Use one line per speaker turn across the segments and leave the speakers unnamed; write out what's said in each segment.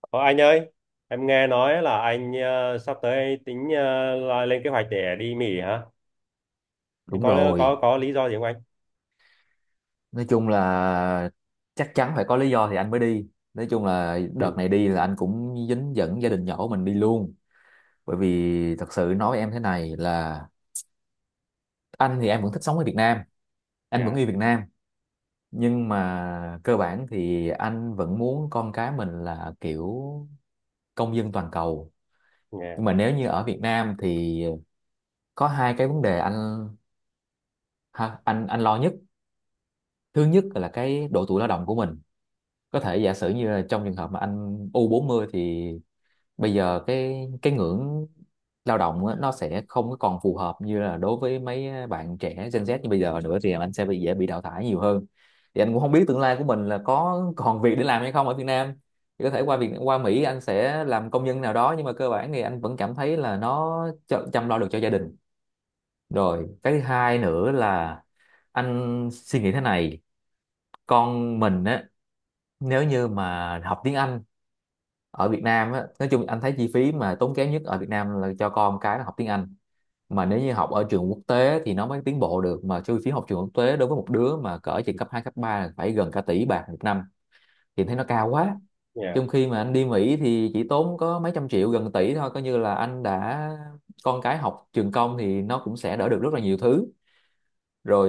Ờ, anh ơi, em nghe nói là anh sắp tới tính là lên kế hoạch để đi Mỹ hả? Anh
Đúng
Có có
rồi,
có lý do gì không anh?
nói chung là chắc chắn phải có lý do thì anh mới đi. Nói chung là
Ừ,
đợt này đi là anh cũng dính dẫn gia đình nhỏ của mình đi luôn. Bởi vì thật sự nói em thế này là anh thì em vẫn thích sống ở Việt Nam, anh vẫn
yeah,
yêu Việt Nam. Nhưng mà cơ bản thì anh vẫn muốn con cái mình là kiểu công dân toàn cầu.
yeah,
Nhưng mà nếu như ở Việt Nam thì có hai cái vấn đề anh, ha, anh lo nhất. Thứ nhất là cái độ tuổi lao động của mình, có thể giả sử như là trong trường hợp mà anh u 40 thì bây giờ cái ngưỡng lao động á, nó sẽ không có còn phù hợp như là đối với mấy bạn trẻ Gen Z như bây giờ nữa, thì anh sẽ bị, dễ bị đào thải nhiều hơn. Thì anh cũng không biết tương lai của mình là có còn việc để làm hay không ở Việt Nam, thì có thể qua Việt, qua Mỹ anh sẽ làm công nhân nào đó, nhưng mà cơ bản thì anh vẫn cảm thấy là nó chăm lo được cho gia đình. Rồi cái thứ hai nữa là anh suy nghĩ thế này, con mình á, nếu như mà học tiếng Anh ở Việt Nam á, nói chung anh thấy chi phí mà tốn kém nhất ở Việt Nam là cho con cái nó học tiếng Anh. Mà nếu như học ở trường quốc tế thì nó mới tiến bộ được, mà chi phí học trường quốc tế đối với một đứa mà cỡ trường cấp 2 cấp 3 là phải gần cả tỷ bạc một năm, thì thấy nó cao quá.
yeah.
Trong khi mà anh đi Mỹ thì chỉ tốn có mấy trăm triệu, gần tỷ thôi, coi như là anh đã, con cái học trường công thì nó cũng sẽ đỡ được rất là nhiều thứ rồi.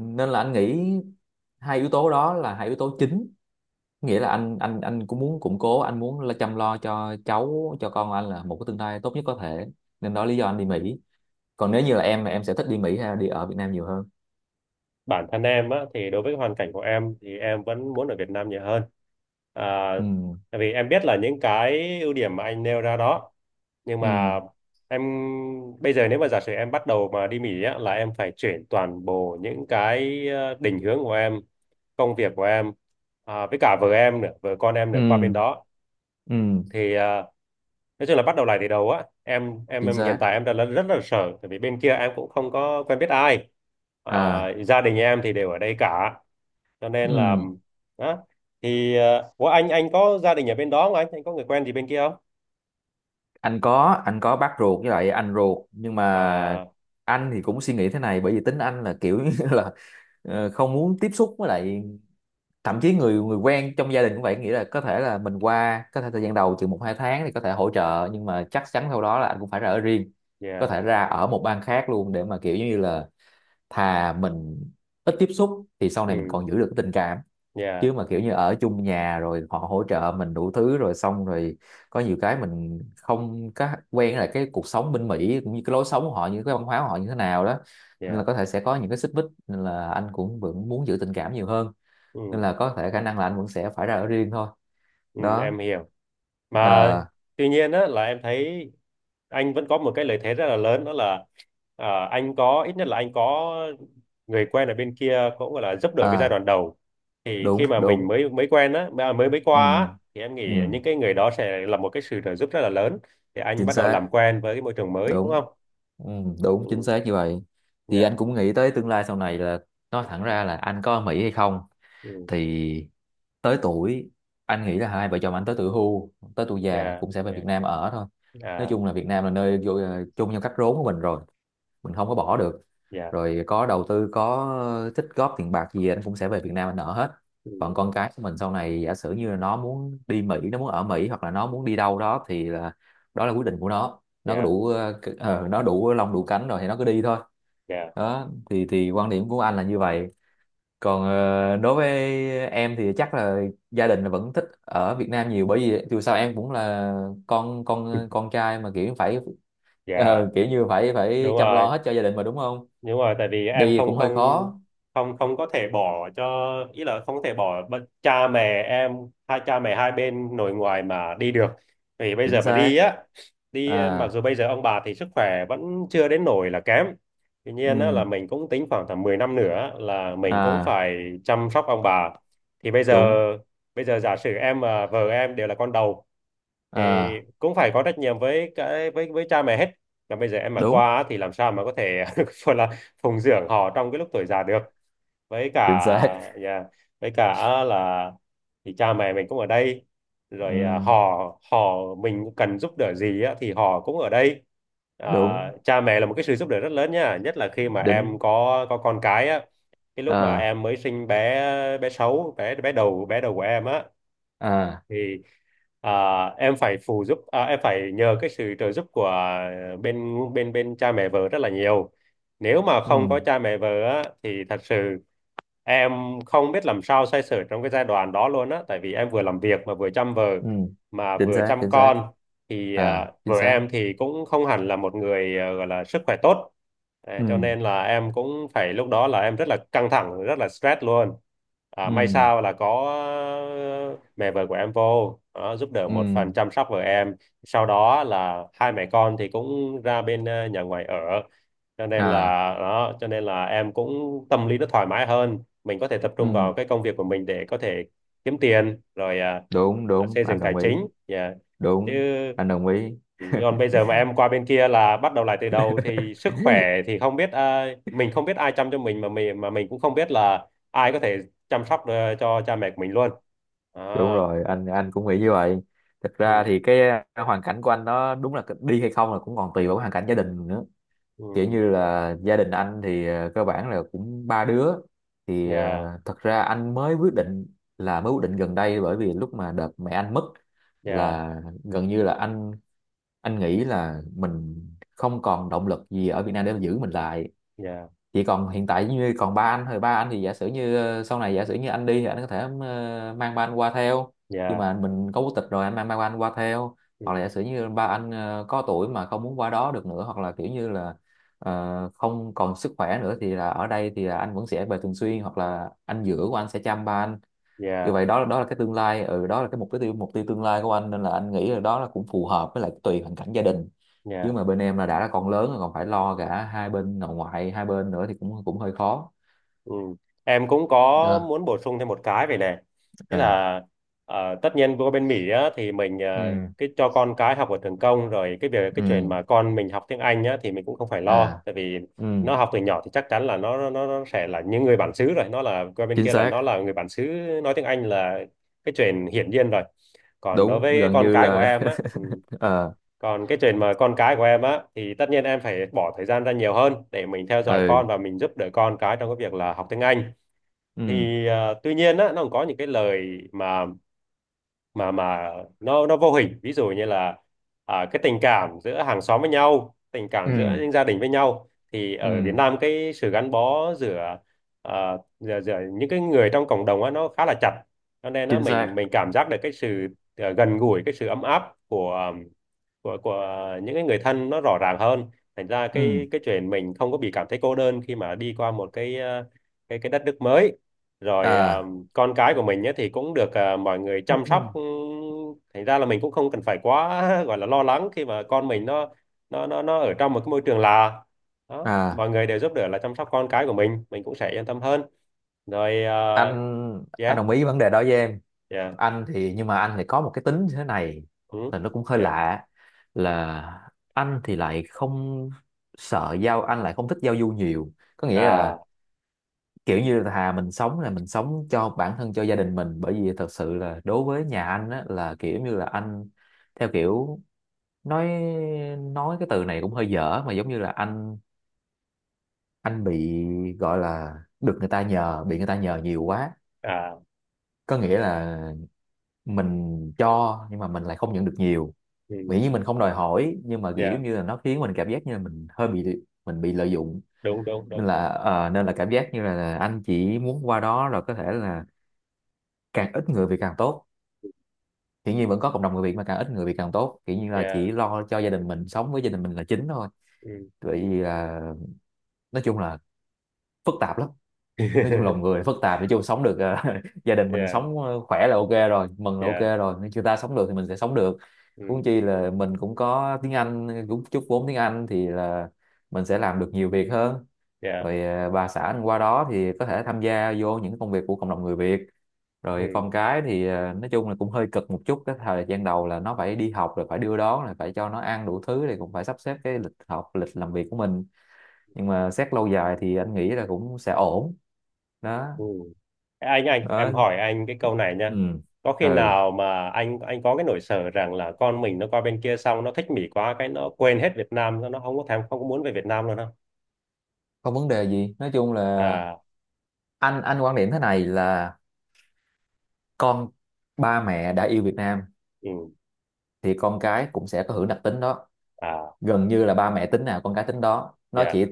Nên là anh nghĩ hai yếu tố đó là hai yếu tố chính, nghĩa là anh cũng muốn củng cố, anh muốn là chăm lo cho cháu, cho con anh là một cái tương lai tốt nhất có thể, nên đó lý do anh đi Mỹ. Còn nếu như là em sẽ thích đi Mỹ hay đi ở Việt Nam nhiều hơn?
Bản thân em á, thì đối với hoàn cảnh của em thì em vẫn muốn ở Việt Nam nhiều hơn à,
Ừ.
tại vì em biết là những cái ưu điểm mà anh nêu ra đó. Nhưng
Ừ.
mà em bây giờ nếu mà giả sử em bắt đầu mà đi Mỹ á, là em phải chuyển toàn bộ những cái định hướng của em, công việc của em, à, với cả vợ em nữa, vợ con em
Ừ.
nữa qua bên đó.
Ừ.
Thì à, nói chung là bắt đầu lại từ đầu á, em em
Chính
em hiện
xác.
tại em rất là sợ, tại vì bên kia em cũng không có quen biết ai. À,
À.
gia đình em thì đều ở đây cả, cho nên là
Ừ.
đó. Thì ủa, anh có gia đình ở bên đó không anh, anh có người quen gì bên kia không?
Anh có bác ruột với lại anh ruột, nhưng mà
À,
anh thì cũng suy nghĩ thế này, bởi vì tính anh là kiểu như là, không muốn tiếp xúc với lại, thậm chí người người quen trong gia đình cũng vậy, nghĩa là có thể là mình qua, có thể thời gian đầu chừng một hai tháng thì có thể hỗ trợ, nhưng mà chắc chắn sau đó là anh cũng phải ra ở riêng. Có
dạ.
thể ra ở một bang khác luôn, để mà kiểu như là, thà mình ít tiếp xúc thì sau này mình
Ừ.
còn giữ được cái tình cảm.
Dạ.
Chứ mà kiểu như ở chung nhà rồi họ hỗ trợ mình đủ thứ rồi xong rồi có nhiều cái mình không có quen, là cái cuộc sống bên Mỹ cũng như cái lối sống của họ, như cái văn hóa của họ như thế nào đó, nên là
Dạ.
có thể sẽ có những cái xích mích, nên là anh cũng vẫn muốn giữ tình cảm nhiều hơn. Nên
Ừ.
là có thể khả năng là anh vẫn sẽ phải ra ở riêng thôi.
Ừ,
Đó.
em hiểu. Mà
À,
tuy nhiên á, là em thấy anh vẫn có một cái lợi thế rất là lớn, đó là à, anh có, ít nhất là anh có người quen ở bên kia, cũng gọi là giúp đỡ cái giai
à,
đoạn đầu. Thì
đúng,
khi mà mình
đúng,
mới mới quen á, mà mới mới
ừ,
qua á, thì em
ừ,
nghĩ những cái người đó sẽ là một cái sự trợ giúp rất là lớn để anh
chính
bắt đầu
xác,
làm quen với cái môi trường mới đúng
đúng,
không?
ừ, đúng chính
Ừ.
xác như vậy. Thì
Dạ.
anh cũng nghĩ tới tương lai sau này là, nói thẳng ra là anh có ở Mỹ hay không,
Ừ,
thì tới tuổi, anh nghĩ là hai vợ chồng anh tới tuổi hưu, tới tuổi già
dạ.
cũng sẽ về Việt
Dạ.
Nam ở thôi. Nói
À.
chung là Việt Nam là nơi chung trong cách rốn của mình rồi, mình không có bỏ được.
Dạ.
Rồi có đầu tư, có tích góp tiền bạc gì anh cũng sẽ về Việt Nam anh nợ hết.
Ừ,
Còn con cái của mình sau này giả sử như là nó muốn đi Mỹ, nó muốn ở Mỹ, hoặc là nó muốn đi đâu đó thì là, đó là quyết định của nó có
dạ.
đủ nó đủ lông đủ cánh rồi thì nó cứ đi thôi.
Dạ.
Đó thì quan điểm của anh là như vậy. Còn đối với em thì chắc là gia đình là vẫn thích ở Việt Nam nhiều, bởi vì dù sao em cũng là con
Ừ,
con con trai, mà kiểu phải,
dạ.
kiểu như phải phải
Đúng
chăm
rồi,
lo hết cho gia đình mà, đúng không?
đúng rồi, tại vì em
Đi
không
cũng hơi
không
khó.
không không có thể bỏ cho, ý là không thể bỏ bất- cha mẹ em, hai cha mẹ hai bên nội ngoại mà đi được. Vì bây
Chính
giờ mà đi
xác.
á, đi mặc
À.
dù bây giờ ông bà thì sức khỏe vẫn chưa đến nỗi là kém, tuy nhiên á, là
Ừ.
mình cũng tính khoảng tầm 10 năm nữa là mình cũng
À.
phải chăm sóc ông bà. Thì bây giờ,
Đúng.
bây giờ giả sử em và vợ em đều là con đầu thì
À.
cũng phải có trách nhiệm với cái, với cha mẹ hết. Là bây giờ em mà
Đúng
qua á thì làm sao mà có thể gọi là phụng dưỡng họ trong cái lúc tuổi già được. Với cả,
chính xác.
yeah, với cả là thì cha mẹ mình cũng ở đây,
Ừ.
rồi à, họ họ mình cần giúp đỡ gì á, thì họ cũng ở đây. À,
Đúng.
cha mẹ là một cái sự giúp đỡ rất lớn nha, nhất là khi mà
Đính.
em có con cái á, cái lúc mà
À.
em mới sinh bé, bé sáu bé bé đầu của em á,
À.
thì à, em phải phụ giúp, à, em phải nhờ cái sự trợ giúp của bên bên bên cha mẹ vợ rất là nhiều. Nếu mà
Ừ.
không có cha mẹ vợ á, thì thật sự em không biết làm sao xoay sở trong cái giai đoạn đó luôn á, tại vì em vừa làm việc mà vừa chăm vợ
Ừ.
mà
Chính
vừa
xác,
chăm
chính xác.
con. Thì
À.
à,
Chính
vợ
xác.
em thì cũng không hẳn là một người à, gọi là sức khỏe tốt. À,
Ừ.
cho nên là em cũng phải, lúc đó là em rất là căng thẳng, rất là stress luôn. À,
Ừ.
may sao là có ờ, mẹ vợ của em vô đó, giúp đỡ một
Ừ.
phần chăm sóc vợ em, sau đó là hai mẹ con thì cũng ra bên nhà ngoài ở, cho nên là
À.
đó. Cho nên là em cũng tâm lý nó thoải mái hơn, mình có thể tập trung
Ừ,
vào cái công việc của mình để có thể kiếm tiền rồi à,
đúng, đúng,
xây
anh
dựng tài
đồng ý.
chính, yeah. Chứ
Đúng, anh đồng ý.
còn bây giờ mà em qua bên kia là bắt đầu lại từ đầu thì sức khỏe thì không biết à, mình không biết ai chăm cho mình, mà mình mà mình cũng không biết là ai có thể chăm sóc cho cha mẹ của mình luôn.
Đúng
Đó.
rồi, anh cũng nghĩ như vậy. Thực ra
Ừ.
thì cái hoàn cảnh của anh nó đúng là đi hay không là cũng còn tùy vào cái hoàn cảnh gia đình nữa.
Ừ.
Kiểu như là gia đình anh thì cơ bản là cũng ba đứa. Thì
Dạ.
thật ra anh mới quyết định, là mới quyết định gần đây, bởi vì lúc mà đợt mẹ anh mất
Dạ.
là gần như là anh nghĩ là mình không còn động lực gì ở Việt Nam để mà giữ mình lại.
Dạ.
Chỉ còn hiện tại như còn ba anh thôi, ba anh thì giả sử như sau này giả sử như anh đi thì anh có thể mang ba anh qua theo. Khi
Dạ.
mà mình có quốc tịch rồi anh mang ba anh qua theo. Hoặc là
Ừ.
giả sử như ba anh có tuổi mà không muốn qua đó được nữa, hoặc là kiểu như là không còn sức khỏe nữa thì là ở đây, thì là anh vẫn sẽ về thường xuyên, hoặc là anh giữa của anh sẽ chăm ba anh. Như
Dạ.
vậy đó, đó là cái tương lai, ừ, đó là cái mục tiêu tương lai của anh, nên là anh nghĩ là đó là cũng phù hợp, với lại tùy hoàn cảnh gia đình. Chứ
Dạ.
mà bên em là đã là con lớn rồi còn phải lo cả hai bên nội ngoại, hai bên nữa thì cũng cũng hơi khó.
Ừ. Em cũng có
Ờ.
muốn bổ sung thêm một cái về này. Nghĩa
À.
là tất nhiên qua bên Mỹ á, thì mình
Ừ.
cái cho con cái học ở trường công rồi, cái việc
Ừ.
cái chuyện mà con mình học tiếng Anh á, thì mình cũng không phải
À.
lo, tại vì
Ừ.
nó học từ nhỏ thì chắc chắn là nó sẽ là những người bản xứ rồi. Nó là qua bên
Chính
kia là
xác.
nó là người bản xứ, nói tiếng Anh là cái chuyện hiển nhiên rồi. Còn đối
Đúng.
với
Gần
con
như
cái của
là.
em á, ừ,
Ờ.
còn cái chuyện mà con cái của em á thì tất nhiên em phải bỏ thời gian ra nhiều hơn để mình theo dõi
Ừ.
con và mình giúp đỡ con cái trong cái việc là học tiếng Anh.
Ừ.
Thì à, tuy nhiên á, nó còn có những cái lời mà mà nó vô hình, ví dụ như là à, cái tình cảm giữa hàng xóm với nhau, tình cảm giữa
Ừ.
những gia đình với nhau, thì ở Việt
Ừ.
Nam cái sự gắn bó giữa à, giữa những cái người trong cộng đồng á, nó khá là chặt. Cho nên nó
Chính xác.
mình cảm giác được cái sự à, gần gũi, cái sự ấm áp của của những cái người thân nó rõ ràng hơn. Thành ra
Ừ.
cái chuyện mình không có bị cảm thấy cô đơn khi mà đi qua một cái à, cái đất nước mới. Rồi à,
À.
con cái của mình ấy, thì cũng được à, mọi người chăm sóc, ừ, thành ra là mình cũng không cần phải quá gọi là lo lắng khi mà con mình nó nó ở trong một cái môi trường là đó,
À.
mọi người đều giúp đỡ là chăm sóc con cái của mình cũng sẽ yên tâm hơn rồi à.
Anh
Yeah.
đồng ý vấn đề đó với em.
Yeah.
Anh thì, nhưng mà anh thì có một cái tính như thế này
Ừ.
là nó cũng hơi
Yeah.
lạ, là anh thì lại không, sợ giao, anh lại không thích giao du nhiều, có nghĩa
À.
là kiểu như là, thà mình sống là mình sống cho bản thân, cho gia đình mình, bởi vì thật sự là đối với nhà anh á, là kiểu như là anh theo kiểu, nói nói cái từ này cũng hơi dở, mà giống như là anh bị gọi là, được người ta nhờ, bị người ta nhờ nhiều quá.
À.
Có nghĩa là mình cho nhưng mà mình lại không nhận được nhiều,
Ừ.
miễn như mình không đòi hỏi, nhưng mà kiểu
Yeah.
giống như là nó khiến mình cảm giác như là mình bị lợi dụng.
Đúng, đúng, đúng.
Nên là nên là cảm giác như là anh chỉ muốn qua đó rồi có thể là càng ít người Việt càng tốt. Hiển nhiên vẫn có cộng đồng người Việt, mà càng ít người Việt càng tốt, kiểu như là
Yeah.
chỉ lo cho gia đình mình, sống với gia đình mình là chính thôi.
Ừ.
Vậy à, nói chung là phức tạp lắm. Nói chung lòng người phức tạp, nói chung sống được. Gia đình mình
Yeah.
sống khỏe là ok rồi, mừng là ok
Yeah.
rồi, nếu người ta sống được thì mình sẽ sống được. Huống
Ừ.
chi là mình cũng có tiếng Anh, cũng chút vốn tiếng Anh, thì là mình sẽ làm được nhiều việc hơn.
Yeah.
Rồi bà xã mình qua đó thì có thể tham gia vô những công việc của cộng đồng người Việt. Rồi con
Ừ.
cái thì nói chung là cũng hơi cực một chút, cái thời gian đầu là nó phải đi học rồi phải đưa đón rồi phải cho nó ăn đủ thứ, thì cũng phải sắp xếp cái lịch học, lịch làm việc của mình. Nhưng mà xét lâu dài thì anh nghĩ là cũng sẽ ổn. Đó.
Ừ. Anh em
Đó.
hỏi anh cái câu này
Ừ.
nha. Có khi
Ừ.
nào mà anh có cái nỗi sợ rằng là con mình nó qua bên kia xong nó thích Mỹ quá, cái nó quên hết Việt Nam, nó không có thèm, không có muốn về Việt Nam luôn không?
Không vấn đề gì, nói chung là
À.
anh quan điểm thế này là, con, ba mẹ đã yêu Việt Nam
Ừ.
thì con cái cũng sẽ có hưởng đặc tính Đó,
À.
gần như là ba mẹ tính nào con cái tính đó. nó
Dạ.
chỉ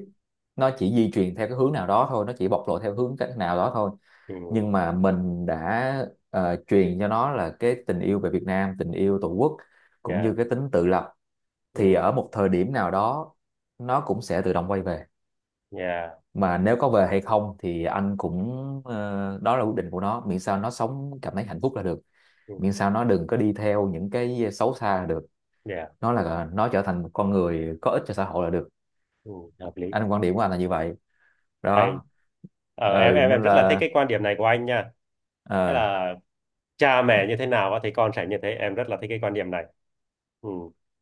nó chỉ di truyền theo cái hướng nào đó thôi, nó chỉ bộc lộ theo hướng cách nào đó thôi.
Ừ.
Nhưng mà mình đã truyền cho nó là cái tình yêu về Việt Nam, tình yêu Tổ quốc, cũng
Dạ.
như cái tính tự lập,
Ừ.
thì ở một thời điểm nào đó nó cũng sẽ tự động quay về.
Dạ.
Mà nếu có về hay không thì anh cũng, đó là quyết định của nó, miễn sao nó sống cảm thấy hạnh phúc là được,
Ừ.
miễn sao nó đừng có đi theo những cái xấu xa là được,
Dạ.
nó là nó trở thành một con người có ích cho xã hội là được.
Ừ, hợp lý.
Anh quan điểm của anh là như vậy
Hay.
đó. Ừ,
Em
nên
rất là thích
là
cái quan điểm này của anh nha. Nghĩa
ờ,
là cha mẹ như thế nào á thì con sẽ như thế. Em rất là thích cái quan điểm này. Ừ.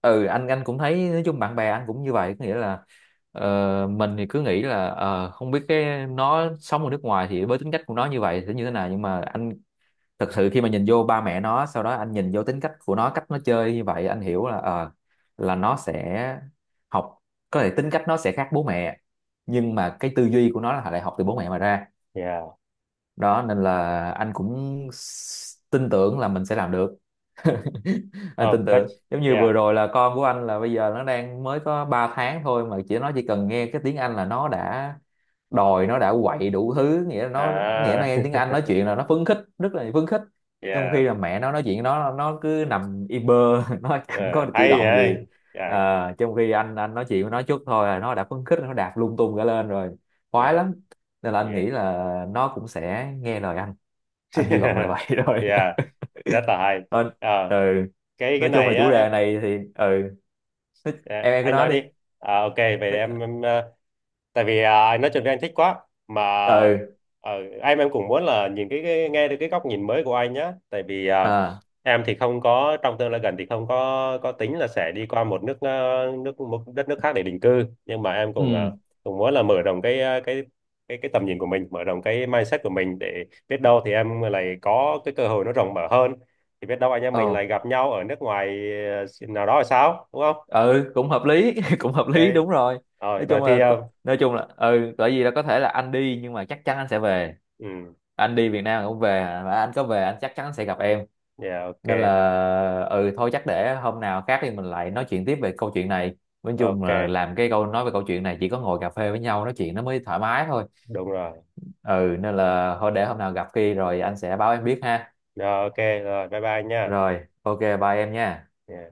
ừ anh cũng thấy nói chung bạn bè anh cũng như vậy, có nghĩa là mình thì cứ nghĩ là không biết cái nó sống ở nước ngoài thì với tính cách của nó như vậy sẽ như thế nào, nhưng mà anh thật sự khi mà nhìn vô ba mẹ nó, sau đó anh nhìn vô tính cách của nó, cách nó chơi như vậy, anh hiểu là, là nó sẽ học, có thể tính cách nó sẽ khác bố mẹ nhưng mà cái tư duy của nó là lại học từ bố mẹ mà ra.
Yeah.
Đó, nên là anh cũng tin tưởng là mình sẽ làm được. Anh
Oh,
tin tưởng,
that's,
giống như vừa
yeah.
rồi là con của anh là bây giờ nó đang mới có 3 tháng thôi mà nó chỉ cần nghe cái tiếng Anh là nó đã đòi, nó đã quậy đủ thứ, nghĩa là nó, nghĩa
À.
là nghe tiếng Anh nói chuyện là nó phấn khích, rất là phấn khích. Trong
Yeah.
khi là mẹ nó nói chuyện, nó cứ nằm im bơ, nó
Ờ,
chẳng có cử
hay
động gì.
vậy. Yeah.
À, trong khi anh nói chuyện với nó chút thôi là nó đã phấn khích, nó đạp lung tung cả lên rồi, khoái
Yeah.
lắm. Nên là anh
Yeah.
nghĩ là nó cũng sẽ nghe lời anh. Anh hy vọng là vậy. Rồi.
Yeah, rất là hay.
ờ,
Ờ,
ừ
cái
nói chung là
này á
chủ
em.
đề này thì, ừ,
Dạ,
em cứ
anh
nói
nói
đi.
đi. À, ok vậy
Nói-
em tại vì à, nói chung là anh thích quá mà,
ừ
ờ, cũng muốn là nhìn cái nghe được cái góc nhìn mới của anh nhá, tại vì à,
à
em thì không có, trong tương lai gần thì không có tính là sẽ đi qua một nước nước một đất nước khác để định cư, nhưng mà em cũng à,
ừ
cũng muốn là mở rộng cái cái cái tầm nhìn của mình, mở rộng cái mindset của mình để biết đâu thì em lại có cái cơ hội nó rộng mở hơn. Thì biết đâu anh em mình
Ồ,
lại gặp nhau ở nước ngoài nào đó là sao đúng không?
ừ, cũng hợp lý. Cũng hợp
Ok.
lý, đúng rồi.
Rồi, rồi thì ờ,
Nói chung là, ừ, bởi vì là có thể là anh đi nhưng mà chắc chắn anh sẽ về.
ừ.
Anh đi Việt Nam cũng về, mà anh có về anh chắc chắn sẽ gặp em.
Yeah, ok.
Nên là, ừ, thôi chắc để hôm nào khác thì mình lại nói chuyện tiếp về câu chuyện này. Nói chung
Ok,
là làm cái câu nói về câu chuyện này chỉ có ngồi cà phê với nhau nói chuyện nó mới thoải mái thôi.
đúng rồi.
Ừ, nên là thôi để hôm nào gặp khi rồi anh sẽ báo em biết ha.
Rồi, ok, rồi bye bye nha.
Rồi, ok, bye em nha.
Yeah.